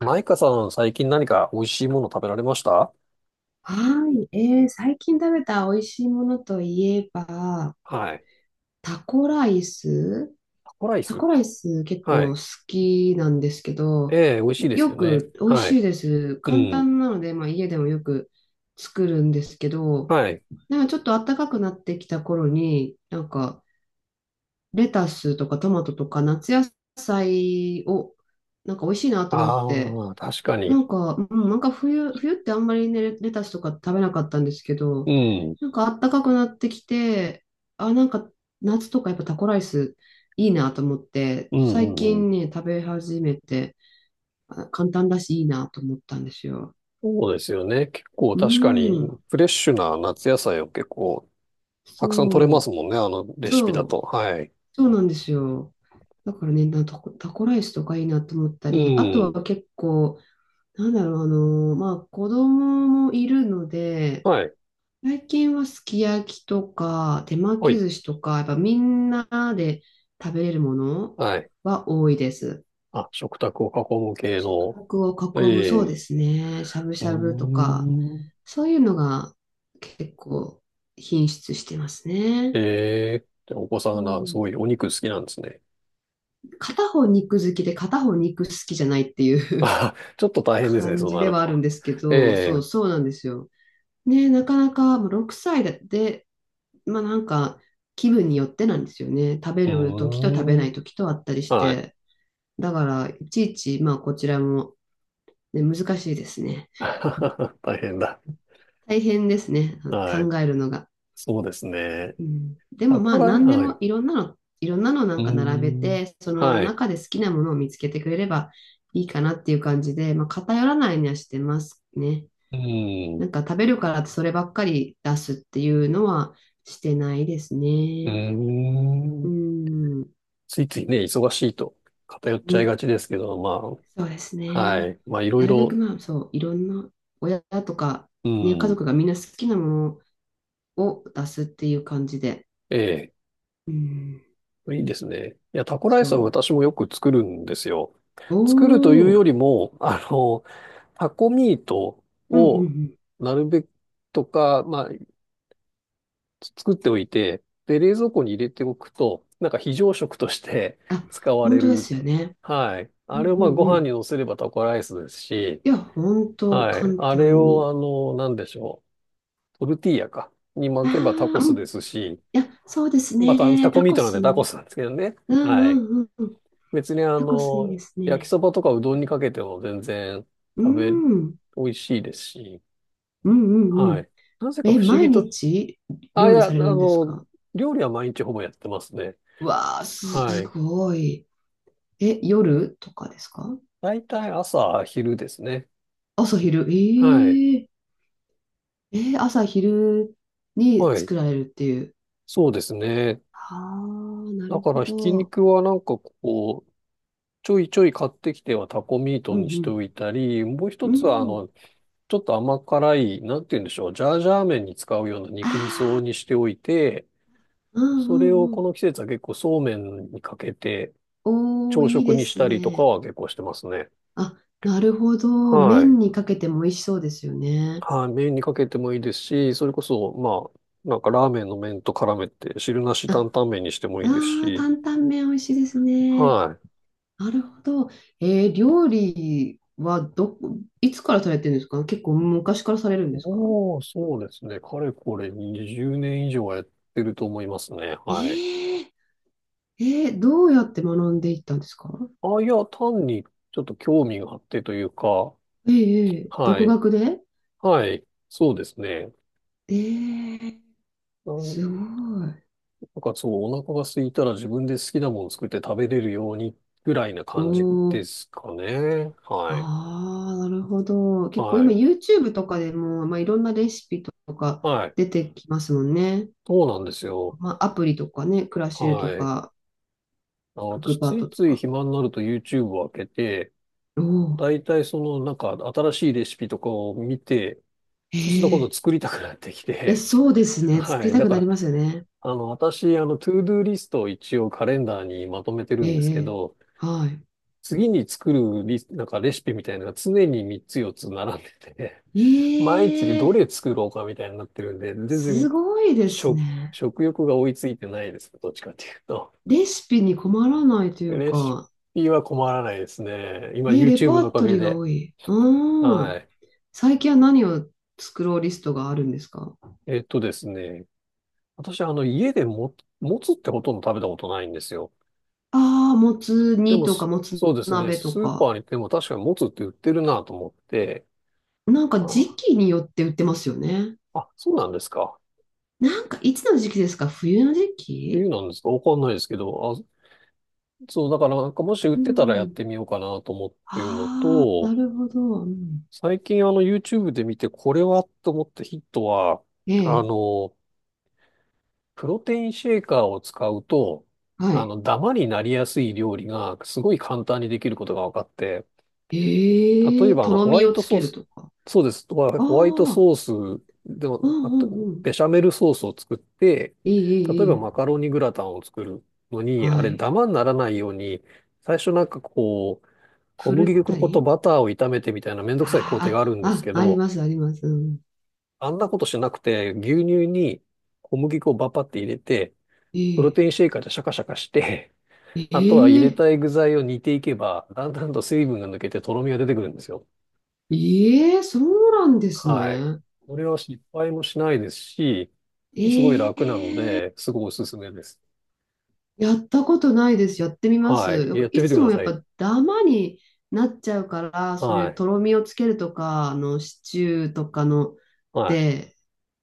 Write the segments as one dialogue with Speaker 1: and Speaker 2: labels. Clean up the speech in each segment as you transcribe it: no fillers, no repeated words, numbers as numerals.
Speaker 1: マイカさん、最近何か美味しいもの食べられました？
Speaker 2: はい。最近食べた美味しいものといえば、
Speaker 1: はい。
Speaker 2: タコライス。
Speaker 1: タコライ
Speaker 2: タ
Speaker 1: ス。
Speaker 2: コライス結
Speaker 1: は
Speaker 2: 構
Speaker 1: い。
Speaker 2: 好きなんですけど、
Speaker 1: ええ、美味しいです
Speaker 2: よ
Speaker 1: よね。
Speaker 2: く美味
Speaker 1: はい。
Speaker 2: しいです。
Speaker 1: う
Speaker 2: 簡
Speaker 1: ん。
Speaker 2: 単なので、まあ、家でもよく作るんですけど、
Speaker 1: はい。
Speaker 2: なんかちょっと暖かくなってきた頃に、なんかレタスとかトマトとか夏野菜をなんか美味しいなと思って、
Speaker 1: ああ、確か
Speaker 2: な
Speaker 1: に。
Speaker 2: んか、うん、なんか冬ってあんまりね、レタスとか食べなかったんですけ
Speaker 1: う
Speaker 2: ど、
Speaker 1: ん。
Speaker 2: なんか暖かくなってきて、あ、なんか夏とかやっぱタコライスいいなと思って、
Speaker 1: うん、
Speaker 2: 最
Speaker 1: うん、うん。
Speaker 2: 近ね、食べ始めて、あ簡単だしいいなと思ったんですよ。
Speaker 1: そうですよね。結構
Speaker 2: う
Speaker 1: 確かに、
Speaker 2: ん、
Speaker 1: フレッシュな夏野菜を結構、たくさん取れます
Speaker 2: そう、
Speaker 1: もんね。あのレシピ
Speaker 2: そ
Speaker 1: だと。
Speaker 2: う、
Speaker 1: はい。
Speaker 2: そうなんですよ。だからね、なタコ、タコライスとかいいなと思った
Speaker 1: う
Speaker 2: り、あと
Speaker 1: ん。
Speaker 2: は結構、なんだろう、あの、まあ子供もいるので、
Speaker 1: はい。
Speaker 2: 最近はすき焼きとか手巻
Speaker 1: は
Speaker 2: き
Speaker 1: い。
Speaker 2: 寿司とか、やっぱみんなで食べれるもの
Speaker 1: はい。
Speaker 2: は多いです。
Speaker 1: あ、食卓を囲む系の。
Speaker 2: 価格を囲む、そう
Speaker 1: ええ。
Speaker 2: ですね。しゃぶ
Speaker 1: う
Speaker 2: し
Speaker 1: ー
Speaker 2: ゃぶとか、
Speaker 1: ん。
Speaker 2: そういうのが結構品質してます
Speaker 1: え
Speaker 2: ね。
Speaker 1: え。じゃあお子さ
Speaker 2: う
Speaker 1: んがす
Speaker 2: ん。
Speaker 1: ごいお肉好きなんですね。
Speaker 2: 片方肉好きで片方肉好きじゃないってい う
Speaker 1: あ、ちょっと 大変ですね、
Speaker 2: 感
Speaker 1: そう
Speaker 2: じ
Speaker 1: な
Speaker 2: で
Speaker 1: る
Speaker 2: はあるん
Speaker 1: と。
Speaker 2: ですけ
Speaker 1: え
Speaker 2: ど、
Speaker 1: え、
Speaker 2: そう
Speaker 1: う
Speaker 2: そうなんですよ。ね、なかなかもう6歳でまあなんか気分によってなんですよね。食べる時と食べ
Speaker 1: ー
Speaker 2: ない
Speaker 1: ん、
Speaker 2: 時とあったりし
Speaker 1: はい。
Speaker 2: て。だからいちいちまあこちらも、ね、難しいですね。
Speaker 1: 大変だ。
Speaker 2: 大変ですね。
Speaker 1: はい。
Speaker 2: 考えるのが。
Speaker 1: そうですね。
Speaker 2: うん、で
Speaker 1: タ
Speaker 2: もま
Speaker 1: コ
Speaker 2: あ
Speaker 1: ライ、
Speaker 2: 何で
Speaker 1: はい。
Speaker 2: も
Speaker 1: う
Speaker 2: いろんなのな
Speaker 1: ー
Speaker 2: んか並べ
Speaker 1: ん、
Speaker 2: て、その
Speaker 1: はい。
Speaker 2: 中で好きなものを見つけてくれればいいかなっていう感じで、まあ偏らないようにはしてますね。
Speaker 1: うーん、
Speaker 2: な
Speaker 1: う
Speaker 2: んか食べるからってそればっかり出すっていうのはしてないです
Speaker 1: ー
Speaker 2: ね。う
Speaker 1: ん。
Speaker 2: ん。
Speaker 1: ついついね、忙しいと偏っ
Speaker 2: う
Speaker 1: ちゃい
Speaker 2: ん、
Speaker 1: がちですけど、ま
Speaker 2: そうです
Speaker 1: あ、は
Speaker 2: ね。
Speaker 1: い。まあ、いろい
Speaker 2: なるべく
Speaker 1: ろ、
Speaker 2: まあそう、いろんな親とか、
Speaker 1: う
Speaker 2: ね、家
Speaker 1: ん、
Speaker 2: 族がみんな好きなものを出すっていう感じで。
Speaker 1: ええ、
Speaker 2: うん、
Speaker 1: いいですね。いや、タコライスは
Speaker 2: そ
Speaker 1: 私もよく作るんですよ。
Speaker 2: う。
Speaker 1: 作るとい
Speaker 2: お
Speaker 1: うよ
Speaker 2: お、
Speaker 1: りも、あの、タコミート
Speaker 2: うんうんう
Speaker 1: を
Speaker 2: ん。
Speaker 1: なるべくとか、まあ、作っておいて、で、冷蔵庫に入れておくと、なんか非常食として
Speaker 2: あ、
Speaker 1: 使わ
Speaker 2: 本
Speaker 1: れ
Speaker 2: 当で
Speaker 1: る。
Speaker 2: すよね。
Speaker 1: はい。
Speaker 2: うん
Speaker 1: あれを
Speaker 2: う
Speaker 1: まあ
Speaker 2: ん
Speaker 1: ご
Speaker 2: う
Speaker 1: 飯
Speaker 2: ん。
Speaker 1: に乗せればタコライスですし、
Speaker 2: いや、本当
Speaker 1: はい。
Speaker 2: 簡
Speaker 1: あれ
Speaker 2: 単
Speaker 1: を
Speaker 2: に。
Speaker 1: あの、なんでしょう。トルティーヤか。に巻
Speaker 2: あ
Speaker 1: けばタコ
Speaker 2: あ、う
Speaker 1: ス
Speaker 2: ん。
Speaker 1: で
Speaker 2: い
Speaker 1: すし、
Speaker 2: や、そうです
Speaker 1: また
Speaker 2: ね。
Speaker 1: タコ
Speaker 2: タ
Speaker 1: ミー
Speaker 2: コ
Speaker 1: トなんで
Speaker 2: ス。う
Speaker 1: タコ
Speaker 2: ん
Speaker 1: スなんですけどね。
Speaker 2: う
Speaker 1: はい。
Speaker 2: んうんうん。
Speaker 1: 別にあ
Speaker 2: タコスいいで
Speaker 1: の、
Speaker 2: す
Speaker 1: 焼き
Speaker 2: ね。
Speaker 1: そばとかうどんにかけても全然
Speaker 2: う
Speaker 1: 食べ、
Speaker 2: ん。うん
Speaker 1: 美味しいですし、
Speaker 2: うんう
Speaker 1: は
Speaker 2: ん。
Speaker 1: い。なぜか
Speaker 2: え、
Speaker 1: 不思
Speaker 2: 毎
Speaker 1: 議と、
Speaker 2: 日
Speaker 1: あ、い
Speaker 2: 料理
Speaker 1: や、あ
Speaker 2: されるんです
Speaker 1: の、
Speaker 2: か？
Speaker 1: 料理は毎日ほぼやってますね。
Speaker 2: うわあ、
Speaker 1: は
Speaker 2: す
Speaker 1: い。
Speaker 2: ごい。え、夜とかですか？
Speaker 1: 大体朝、昼ですね。
Speaker 2: 朝
Speaker 1: はい。
Speaker 2: 昼。ええ、えー朝昼に
Speaker 1: はい。
Speaker 2: 作られるっていう。
Speaker 1: そうですね。
Speaker 2: ああ、な
Speaker 1: だ
Speaker 2: る
Speaker 1: か
Speaker 2: ほ
Speaker 1: ら、ひき
Speaker 2: ど。
Speaker 1: 肉はなんかこう、ちょいちょい買ってきてはタコミー
Speaker 2: う
Speaker 1: トにして
Speaker 2: ん
Speaker 1: おいたり、もう一
Speaker 2: う
Speaker 1: つは
Speaker 2: ん。
Speaker 1: あ
Speaker 2: うん。
Speaker 1: の、ちょっと甘辛い、なんて言うんでしょう、ジャージャー麺に使うような肉味
Speaker 2: あ
Speaker 1: 噌にしておいて、
Speaker 2: あ、うんう
Speaker 1: それを
Speaker 2: んう
Speaker 1: こ
Speaker 2: ん。
Speaker 1: の季節は結構そうめんにかけて、
Speaker 2: おー、
Speaker 1: 朝
Speaker 2: いい
Speaker 1: 食
Speaker 2: で
Speaker 1: にし
Speaker 2: す
Speaker 1: たりとか
Speaker 2: ね。
Speaker 1: は結構してますね。
Speaker 2: あ、なるほど。
Speaker 1: はい。
Speaker 2: 麺にかけても美味しそうですよね。
Speaker 1: はい。麺にかけてもいいですし、それこそ、まあ、なんかラーメンの麺と絡めて、汁なし
Speaker 2: あ、
Speaker 1: 担々麺にしてもいいです
Speaker 2: あー、
Speaker 1: し、
Speaker 2: 担々麺美味しいですね。
Speaker 1: はい。
Speaker 2: なるほど。えー料理はどこ、いつからされてるんですか？結構昔からされるんですか？
Speaker 1: おー、そうですね。かれこれ20年以上はやってると思いますね。はい。
Speaker 2: ええええ、どうやって学んでいったんですか？
Speaker 1: あ、いや、単にちょっと興味があってというか、
Speaker 2: ええええ
Speaker 1: は
Speaker 2: 独
Speaker 1: い。
Speaker 2: 学で？
Speaker 1: はい。そうですね。
Speaker 2: ええ
Speaker 1: う
Speaker 2: すご
Speaker 1: ん、
Speaker 2: い。
Speaker 1: なんかそう、お腹が空いたら自分で好きなものを作って食べれるようにぐらいな
Speaker 2: お
Speaker 1: 感じで
Speaker 2: お、
Speaker 1: すかね。はい。
Speaker 2: ああ、なるほど。結構
Speaker 1: は
Speaker 2: 今
Speaker 1: い。
Speaker 2: YouTube とかでも、まあ、いろんなレシピとか
Speaker 1: はい。
Speaker 2: 出てきますもんね。
Speaker 1: そうなんですよ。
Speaker 2: まあ、アプリとかね、クラシルと
Speaker 1: はい。
Speaker 2: か、
Speaker 1: あの、
Speaker 2: クッ
Speaker 1: 私、
Speaker 2: クパ
Speaker 1: つ
Speaker 2: ッ
Speaker 1: い
Speaker 2: ドと
Speaker 1: つい
Speaker 2: か。
Speaker 1: 暇になると YouTube を開けて、
Speaker 2: おお、
Speaker 1: だいたいその、なんか新しいレシピとかを見て、そうすると今度
Speaker 2: ええ、
Speaker 1: 作りたくなってき
Speaker 2: いや、
Speaker 1: て、
Speaker 2: そうです ね。作
Speaker 1: は
Speaker 2: り
Speaker 1: い。
Speaker 2: た
Speaker 1: だ
Speaker 2: く
Speaker 1: か
Speaker 2: なり
Speaker 1: ら、
Speaker 2: ますよね。
Speaker 1: あの、私、あの、トゥードゥーリストを一応カレンダーにまとめて
Speaker 2: え
Speaker 1: る
Speaker 2: え
Speaker 1: んです
Speaker 2: え
Speaker 1: け
Speaker 2: え
Speaker 1: ど、
Speaker 2: は
Speaker 1: 次に作るなんかレシピみたいなのが常に3つ4つ並んでて、毎日でど
Speaker 2: い。ええ
Speaker 1: れ作ろうかみたいになってるんで、全然
Speaker 2: すごいですね。
Speaker 1: 食欲が追いついてないですね。どっちかっていうと。
Speaker 2: レシピに困らないという
Speaker 1: レシ
Speaker 2: か、
Speaker 1: ピは困らないですね。今
Speaker 2: ね、レ
Speaker 1: YouTube
Speaker 2: パ
Speaker 1: のお
Speaker 2: ー
Speaker 1: か
Speaker 2: ト
Speaker 1: げ
Speaker 2: リーが
Speaker 1: で。
Speaker 2: 多い。うー
Speaker 1: は
Speaker 2: ん。
Speaker 1: い。
Speaker 2: 最近は何を作ろうリストがあるんですか？
Speaker 1: えっとですね。私はあの家でも、もつってほとんど食べたことないんですよ。
Speaker 2: ああー、もつ
Speaker 1: で
Speaker 2: 煮
Speaker 1: も
Speaker 2: とか、
Speaker 1: す
Speaker 2: もつ
Speaker 1: そうですね。
Speaker 2: 鍋と
Speaker 1: スーパ
Speaker 2: か。
Speaker 1: ーに行っても確かにもつって売ってるなと思って。
Speaker 2: なんか時
Speaker 1: あ、
Speaker 2: 期によって売ってますよね。
Speaker 1: あ、そうなんですか？
Speaker 2: なんかいつの時期ですか？冬の時
Speaker 1: 冬
Speaker 2: 期？
Speaker 1: なんですか？わかんないですけど。あ、そう、だからなんかもし売っ
Speaker 2: う
Speaker 1: てたらやっ
Speaker 2: ん。
Speaker 1: てみようかなと思ってるの
Speaker 2: ああ、な
Speaker 1: と、
Speaker 2: るほど。うん、
Speaker 1: 最近あの YouTube で見てこれはと思ったヒットは、
Speaker 2: え
Speaker 1: あ
Speaker 2: え、
Speaker 1: の、プロテインシェーカーを使うと、
Speaker 2: は
Speaker 1: あ
Speaker 2: い。
Speaker 1: の、ダマになりやすい料理がすごい簡単にできることが分かって、例
Speaker 2: え
Speaker 1: え
Speaker 2: え、
Speaker 1: ばあ
Speaker 2: と
Speaker 1: の
Speaker 2: ろ
Speaker 1: ホワ
Speaker 2: み
Speaker 1: イ
Speaker 2: を
Speaker 1: ト
Speaker 2: つ
Speaker 1: ソー
Speaker 2: ける
Speaker 1: ス、
Speaker 2: とか。
Speaker 1: そうです、ホワホワイト
Speaker 2: ああ、
Speaker 1: ソースでは
Speaker 2: う
Speaker 1: な
Speaker 2: ん
Speaker 1: く
Speaker 2: うん
Speaker 1: て、
Speaker 2: うん。
Speaker 1: ベシャメルソースを作って、
Speaker 2: いいい
Speaker 1: 例え
Speaker 2: いい
Speaker 1: ば
Speaker 2: い。
Speaker 1: マカロニグラタンを作るのに、あ
Speaker 2: は
Speaker 1: れ
Speaker 2: い。
Speaker 1: ダマにならないように、最初なんかこう、小
Speaker 2: ふる
Speaker 1: 麦
Speaker 2: った
Speaker 1: 粉と
Speaker 2: り、
Speaker 1: バターを炒めてみたいなめんどくさい工程
Speaker 2: あ
Speaker 1: があるん
Speaker 2: ー
Speaker 1: です
Speaker 2: あ、
Speaker 1: け
Speaker 2: あ、あり
Speaker 1: ど、
Speaker 2: ます、あります。うん、
Speaker 1: あんなことしなくて、牛乳に小麦粉をバパって入れて、プロ
Speaker 2: ええ
Speaker 1: テインシェイカーでシャカシャカして、あとは入れ
Speaker 2: ええ
Speaker 1: たい具材を煮ていけば、だんだんと水分が抜けてとろみが出てくるんですよ。
Speaker 2: ええ、そうなんです
Speaker 1: はい。
Speaker 2: ね。
Speaker 1: これは失敗もしないですし、すごい楽
Speaker 2: ええ
Speaker 1: なので、すごいおすすめです。
Speaker 2: やったことないです。やってみま
Speaker 1: は
Speaker 2: す。な
Speaker 1: い。
Speaker 2: んか
Speaker 1: やって
Speaker 2: い
Speaker 1: みて
Speaker 2: つ
Speaker 1: くだ
Speaker 2: もや
Speaker 1: さ
Speaker 2: っ
Speaker 1: い。
Speaker 2: ぱダマになっちゃうから、そう
Speaker 1: は
Speaker 2: いう
Speaker 1: い。
Speaker 2: とろみをつけるとか、あのシチューとかの
Speaker 1: はい。
Speaker 2: で、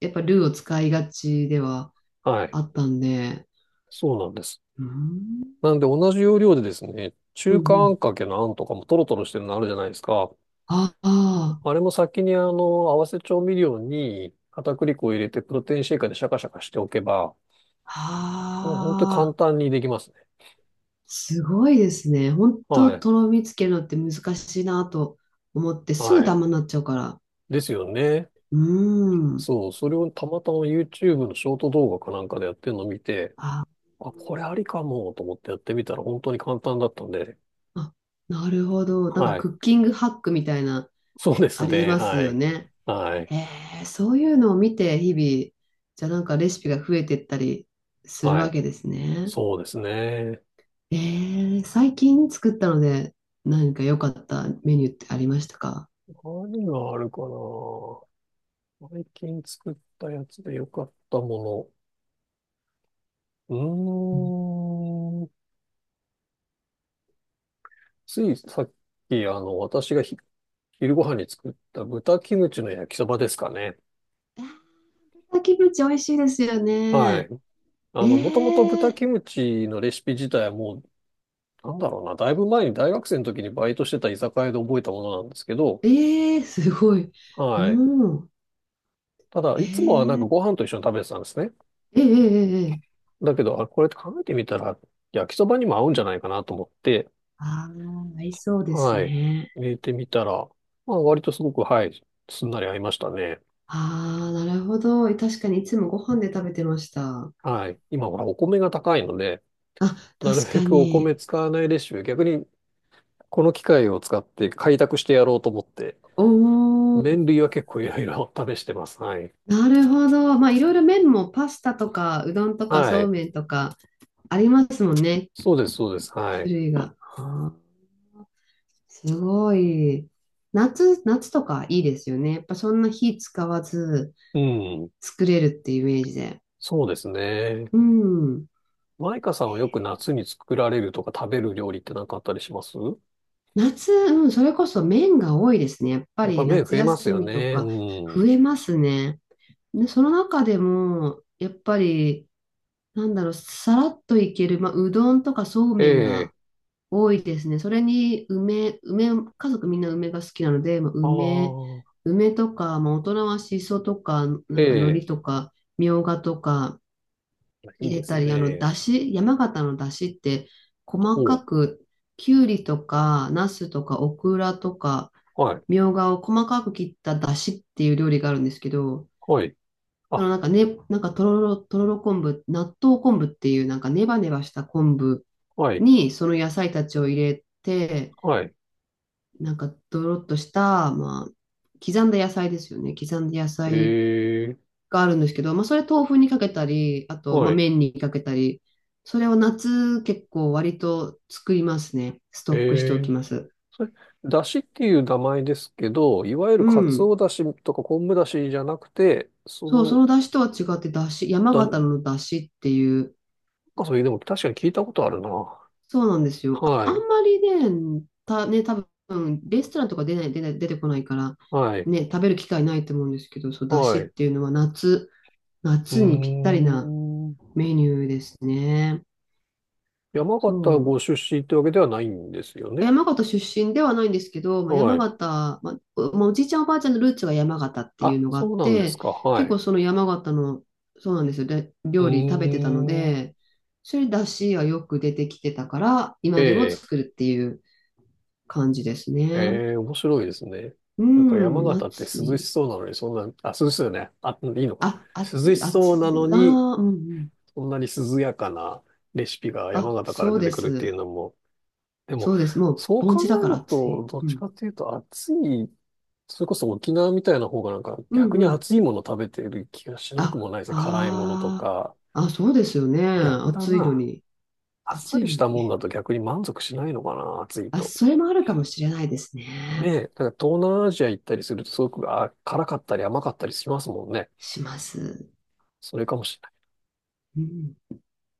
Speaker 2: やっぱルーを使いがちでは
Speaker 1: はい。
Speaker 2: あったんで。
Speaker 1: そうなんです。
Speaker 2: うん、
Speaker 1: なんで同じ要領でですね、
Speaker 2: うん、う
Speaker 1: 中華あ
Speaker 2: ん。
Speaker 1: んかけのあんとかもトロトロしてるのあるじゃないですか。
Speaker 2: ああ、
Speaker 1: あれも先にあの、合わせ調味料に片栗粉を入れてプロテインシェイカーでシャカシャカしておけば、もう本当に簡
Speaker 2: ああ。
Speaker 1: 単にできますね。
Speaker 2: すごいですね。本当
Speaker 1: はい。
Speaker 2: とろみつけるのって難しいなと思って、すぐ
Speaker 1: は
Speaker 2: ダ
Speaker 1: い。
Speaker 2: マになっちゃうから。
Speaker 1: ですよね。
Speaker 2: うーん。
Speaker 1: そう。それをたまたま YouTube のショート動画かなんかでやってるのを見て、
Speaker 2: あ、
Speaker 1: あ、これありかもと思ってやってみたら本当に簡単だったんで。
Speaker 2: あ、なるほど。なんか
Speaker 1: はい。
Speaker 2: クッキングハックみたいな、
Speaker 1: そうです
Speaker 2: あり
Speaker 1: ね。
Speaker 2: ます
Speaker 1: は
Speaker 2: よ
Speaker 1: い。
Speaker 2: ね。
Speaker 1: はい。
Speaker 2: へえ、そういうのを見て、日々、じゃあなんかレシピが増えてったりする
Speaker 1: は
Speaker 2: わ
Speaker 1: い。
Speaker 2: けですね。
Speaker 1: そうですね。
Speaker 2: えー最近作ったので、何か良かったメニューってありましたか？
Speaker 1: 何があるかな。最近作ったやつで良かったもの。う
Speaker 2: うん、
Speaker 1: ーん。ついさっき、あの、私が昼ご飯に作った豚キムチの焼きそばですかね。
Speaker 2: あー、キムチ美味しいですよ
Speaker 1: はい。
Speaker 2: ね。
Speaker 1: あ
Speaker 2: え
Speaker 1: の、もともと豚
Speaker 2: え
Speaker 1: キムチのレシピ自体はもう、なんだろうな、だいぶ前に大学生の時にバイトしてた居酒屋で覚えたものなんですけど、
Speaker 2: ええすごい。う
Speaker 1: はい。
Speaker 2: ん。
Speaker 1: ただ、いつもはなんかご飯と一緒に食べてたんですね。
Speaker 2: ええええええ、
Speaker 1: だけど、あ、これって考えてみたら、焼きそばにも合うんじゃないかなと思って、
Speaker 2: ああ、合いそうです
Speaker 1: はい。
Speaker 2: ね。
Speaker 1: 入れてみたら、まあ、割とすごく、はい、すんなり合いましたね。
Speaker 2: ああ、なるほど。確かにいつもご飯で食べてました。
Speaker 1: はい。今はお米が高いので、
Speaker 2: あ、
Speaker 1: なる
Speaker 2: 確
Speaker 1: べ
Speaker 2: か
Speaker 1: くお米
Speaker 2: に。
Speaker 1: 使わないレシピ、逆にこの機械を使って開拓してやろうと思って、
Speaker 2: おお、
Speaker 1: 麺類は結構いろいろ 試してます。はい。
Speaker 2: なるほど。まあ、いろいろ麺もパスタとか、うどんとか、
Speaker 1: は
Speaker 2: そう
Speaker 1: い。
Speaker 2: めんとか、ありますもんね。
Speaker 1: そうです、そうです。は
Speaker 2: 種
Speaker 1: い。
Speaker 2: 類が。あーすごい。夏とかいいですよね。やっぱそんな火使わず
Speaker 1: うん。
Speaker 2: 作れるっていうイメージで。
Speaker 1: そうですね。
Speaker 2: うん。
Speaker 1: マイカさんはよく夏に作られるとか食べる料理って何かあったりします？
Speaker 2: 夏、うん、それこそ麺が多いですね。やっぱ
Speaker 1: やっぱ
Speaker 2: り
Speaker 1: 麺増
Speaker 2: 夏
Speaker 1: えます
Speaker 2: 休
Speaker 1: よ
Speaker 2: みと
Speaker 1: ね。
Speaker 2: か
Speaker 1: う
Speaker 2: 増
Speaker 1: ん。
Speaker 2: えますね。で、その中でも、やっぱり、なんだろう、さらっといける、まあ、うどんとかそう
Speaker 1: え
Speaker 2: めんが
Speaker 1: え。
Speaker 2: 多いですね。それに、家族みんな梅が好きなので、まあ、
Speaker 1: ああ。
Speaker 2: 梅とか、まあ、大人はしそとか、な
Speaker 1: え
Speaker 2: んか海
Speaker 1: え。
Speaker 2: 苔とか、みょうがとか
Speaker 1: いい
Speaker 2: 入
Speaker 1: で
Speaker 2: れ
Speaker 1: す
Speaker 2: たり、あの、
Speaker 1: ね。
Speaker 2: だし、山形のだしって、細
Speaker 1: お
Speaker 2: か
Speaker 1: う。
Speaker 2: く、きゅうりとか、ナスとか、オクラとか、
Speaker 1: はい。
Speaker 2: みょうがを細かく切っただしっていう料理があるんですけど、
Speaker 1: はい。
Speaker 2: そ
Speaker 1: あ、
Speaker 2: のなんかね、なんかとろろ昆布、納豆昆布っていうなんかネバネバした昆布
Speaker 1: はい。
Speaker 2: にその野菜たちを入れて、
Speaker 1: はい。
Speaker 2: なんかドロッとした、まあ、刻んだ野菜
Speaker 1: ええ。
Speaker 2: があるんですけど、まあ、それ豆腐にかけたり、あと、ま
Speaker 1: は
Speaker 2: あ、
Speaker 1: い。
Speaker 2: 麺にかけたり、それを夏結構割と作りますね。ス
Speaker 1: え
Speaker 2: トックしておき
Speaker 1: え、
Speaker 2: ます。
Speaker 1: それ、だしっていう名前ですけど、いわゆる
Speaker 2: う
Speaker 1: カツ
Speaker 2: ん。
Speaker 1: オだしとか昆布だしじゃなくて、そ
Speaker 2: そう、そ
Speaker 1: の、
Speaker 2: の出汁とは違って、出汁、山
Speaker 1: な
Speaker 2: 形
Speaker 1: ん
Speaker 2: の出汁っていう、
Speaker 1: かそれでも確かに聞いたことあるな。
Speaker 2: そうなんですよ。
Speaker 1: は
Speaker 2: ああん
Speaker 1: い、
Speaker 2: まりね、た、ね、多分レストランとか出てこないから、
Speaker 1: はい、
Speaker 2: ね、食べる機会ないと思うんですけど、そう、だし
Speaker 1: はい。
Speaker 2: っ
Speaker 1: う
Speaker 2: ていうのは夏、
Speaker 1: ー
Speaker 2: 夏にぴったりな
Speaker 1: ん。
Speaker 2: メニューですね。
Speaker 1: 山
Speaker 2: そ
Speaker 1: 形ご
Speaker 2: う。
Speaker 1: 出身ってわけではないんですよね？
Speaker 2: 山形出身ではないんですけど、まあ、
Speaker 1: は
Speaker 2: 山
Speaker 1: い。
Speaker 2: 形、まあ、おじいちゃんおばあちゃんのルーツが山形っていう
Speaker 1: あ、
Speaker 2: のがあっ
Speaker 1: そうなんです
Speaker 2: て、
Speaker 1: か。は
Speaker 2: 結
Speaker 1: い。
Speaker 2: 構その山形の、そうなんですよ、で
Speaker 1: う
Speaker 2: 料理食べてたの
Speaker 1: ーん。
Speaker 2: で、それだしがよく出てきてたから、
Speaker 1: え
Speaker 2: 今でも
Speaker 1: え、
Speaker 2: 作るっていう感じですね。
Speaker 1: ええ、面白いですね。
Speaker 2: う
Speaker 1: なんか山
Speaker 2: ん、
Speaker 1: 形って
Speaker 2: 暑
Speaker 1: 涼し
Speaker 2: い。
Speaker 1: そうなのに、そんな、あ、涼しそうよね。あ、いいのか。
Speaker 2: あ、
Speaker 1: 涼しそうなのに、
Speaker 2: あー、うん、うん。
Speaker 1: そんなに涼やかなレシピが山
Speaker 2: あ、
Speaker 1: 形から
Speaker 2: そう
Speaker 1: 出て
Speaker 2: で
Speaker 1: くるっていう
Speaker 2: す。
Speaker 1: のも、で
Speaker 2: そ
Speaker 1: も、
Speaker 2: うです。もう、
Speaker 1: そう
Speaker 2: 盆
Speaker 1: 考
Speaker 2: 地だ
Speaker 1: え
Speaker 2: から
Speaker 1: る
Speaker 2: 暑い。
Speaker 1: と、どっ
Speaker 2: う
Speaker 1: ち
Speaker 2: ん。
Speaker 1: かっていうと暑い、それこそ沖縄みたいな方がなんか
Speaker 2: うん、
Speaker 1: 逆
Speaker 2: う
Speaker 1: に
Speaker 2: ん。
Speaker 1: 暑いもの食べてる気がしなく
Speaker 2: あ、
Speaker 1: もないですね。辛いものと
Speaker 2: あー、
Speaker 1: か。
Speaker 2: あ、そうですよね。
Speaker 1: 逆だ
Speaker 2: 暑いの
Speaker 1: な。
Speaker 2: に。
Speaker 1: あっさ
Speaker 2: 暑い
Speaker 1: りし
Speaker 2: の
Speaker 1: たもん
Speaker 2: に。
Speaker 1: だと逆に満足しないのかな、暑い
Speaker 2: あ、
Speaker 1: と。
Speaker 2: それもあるかもしれないです
Speaker 1: ね
Speaker 2: ね。
Speaker 1: え、だから東南アジア行ったりするとすごく辛かったり甘かったりしますもんね。
Speaker 2: します。
Speaker 1: それかもし
Speaker 2: うん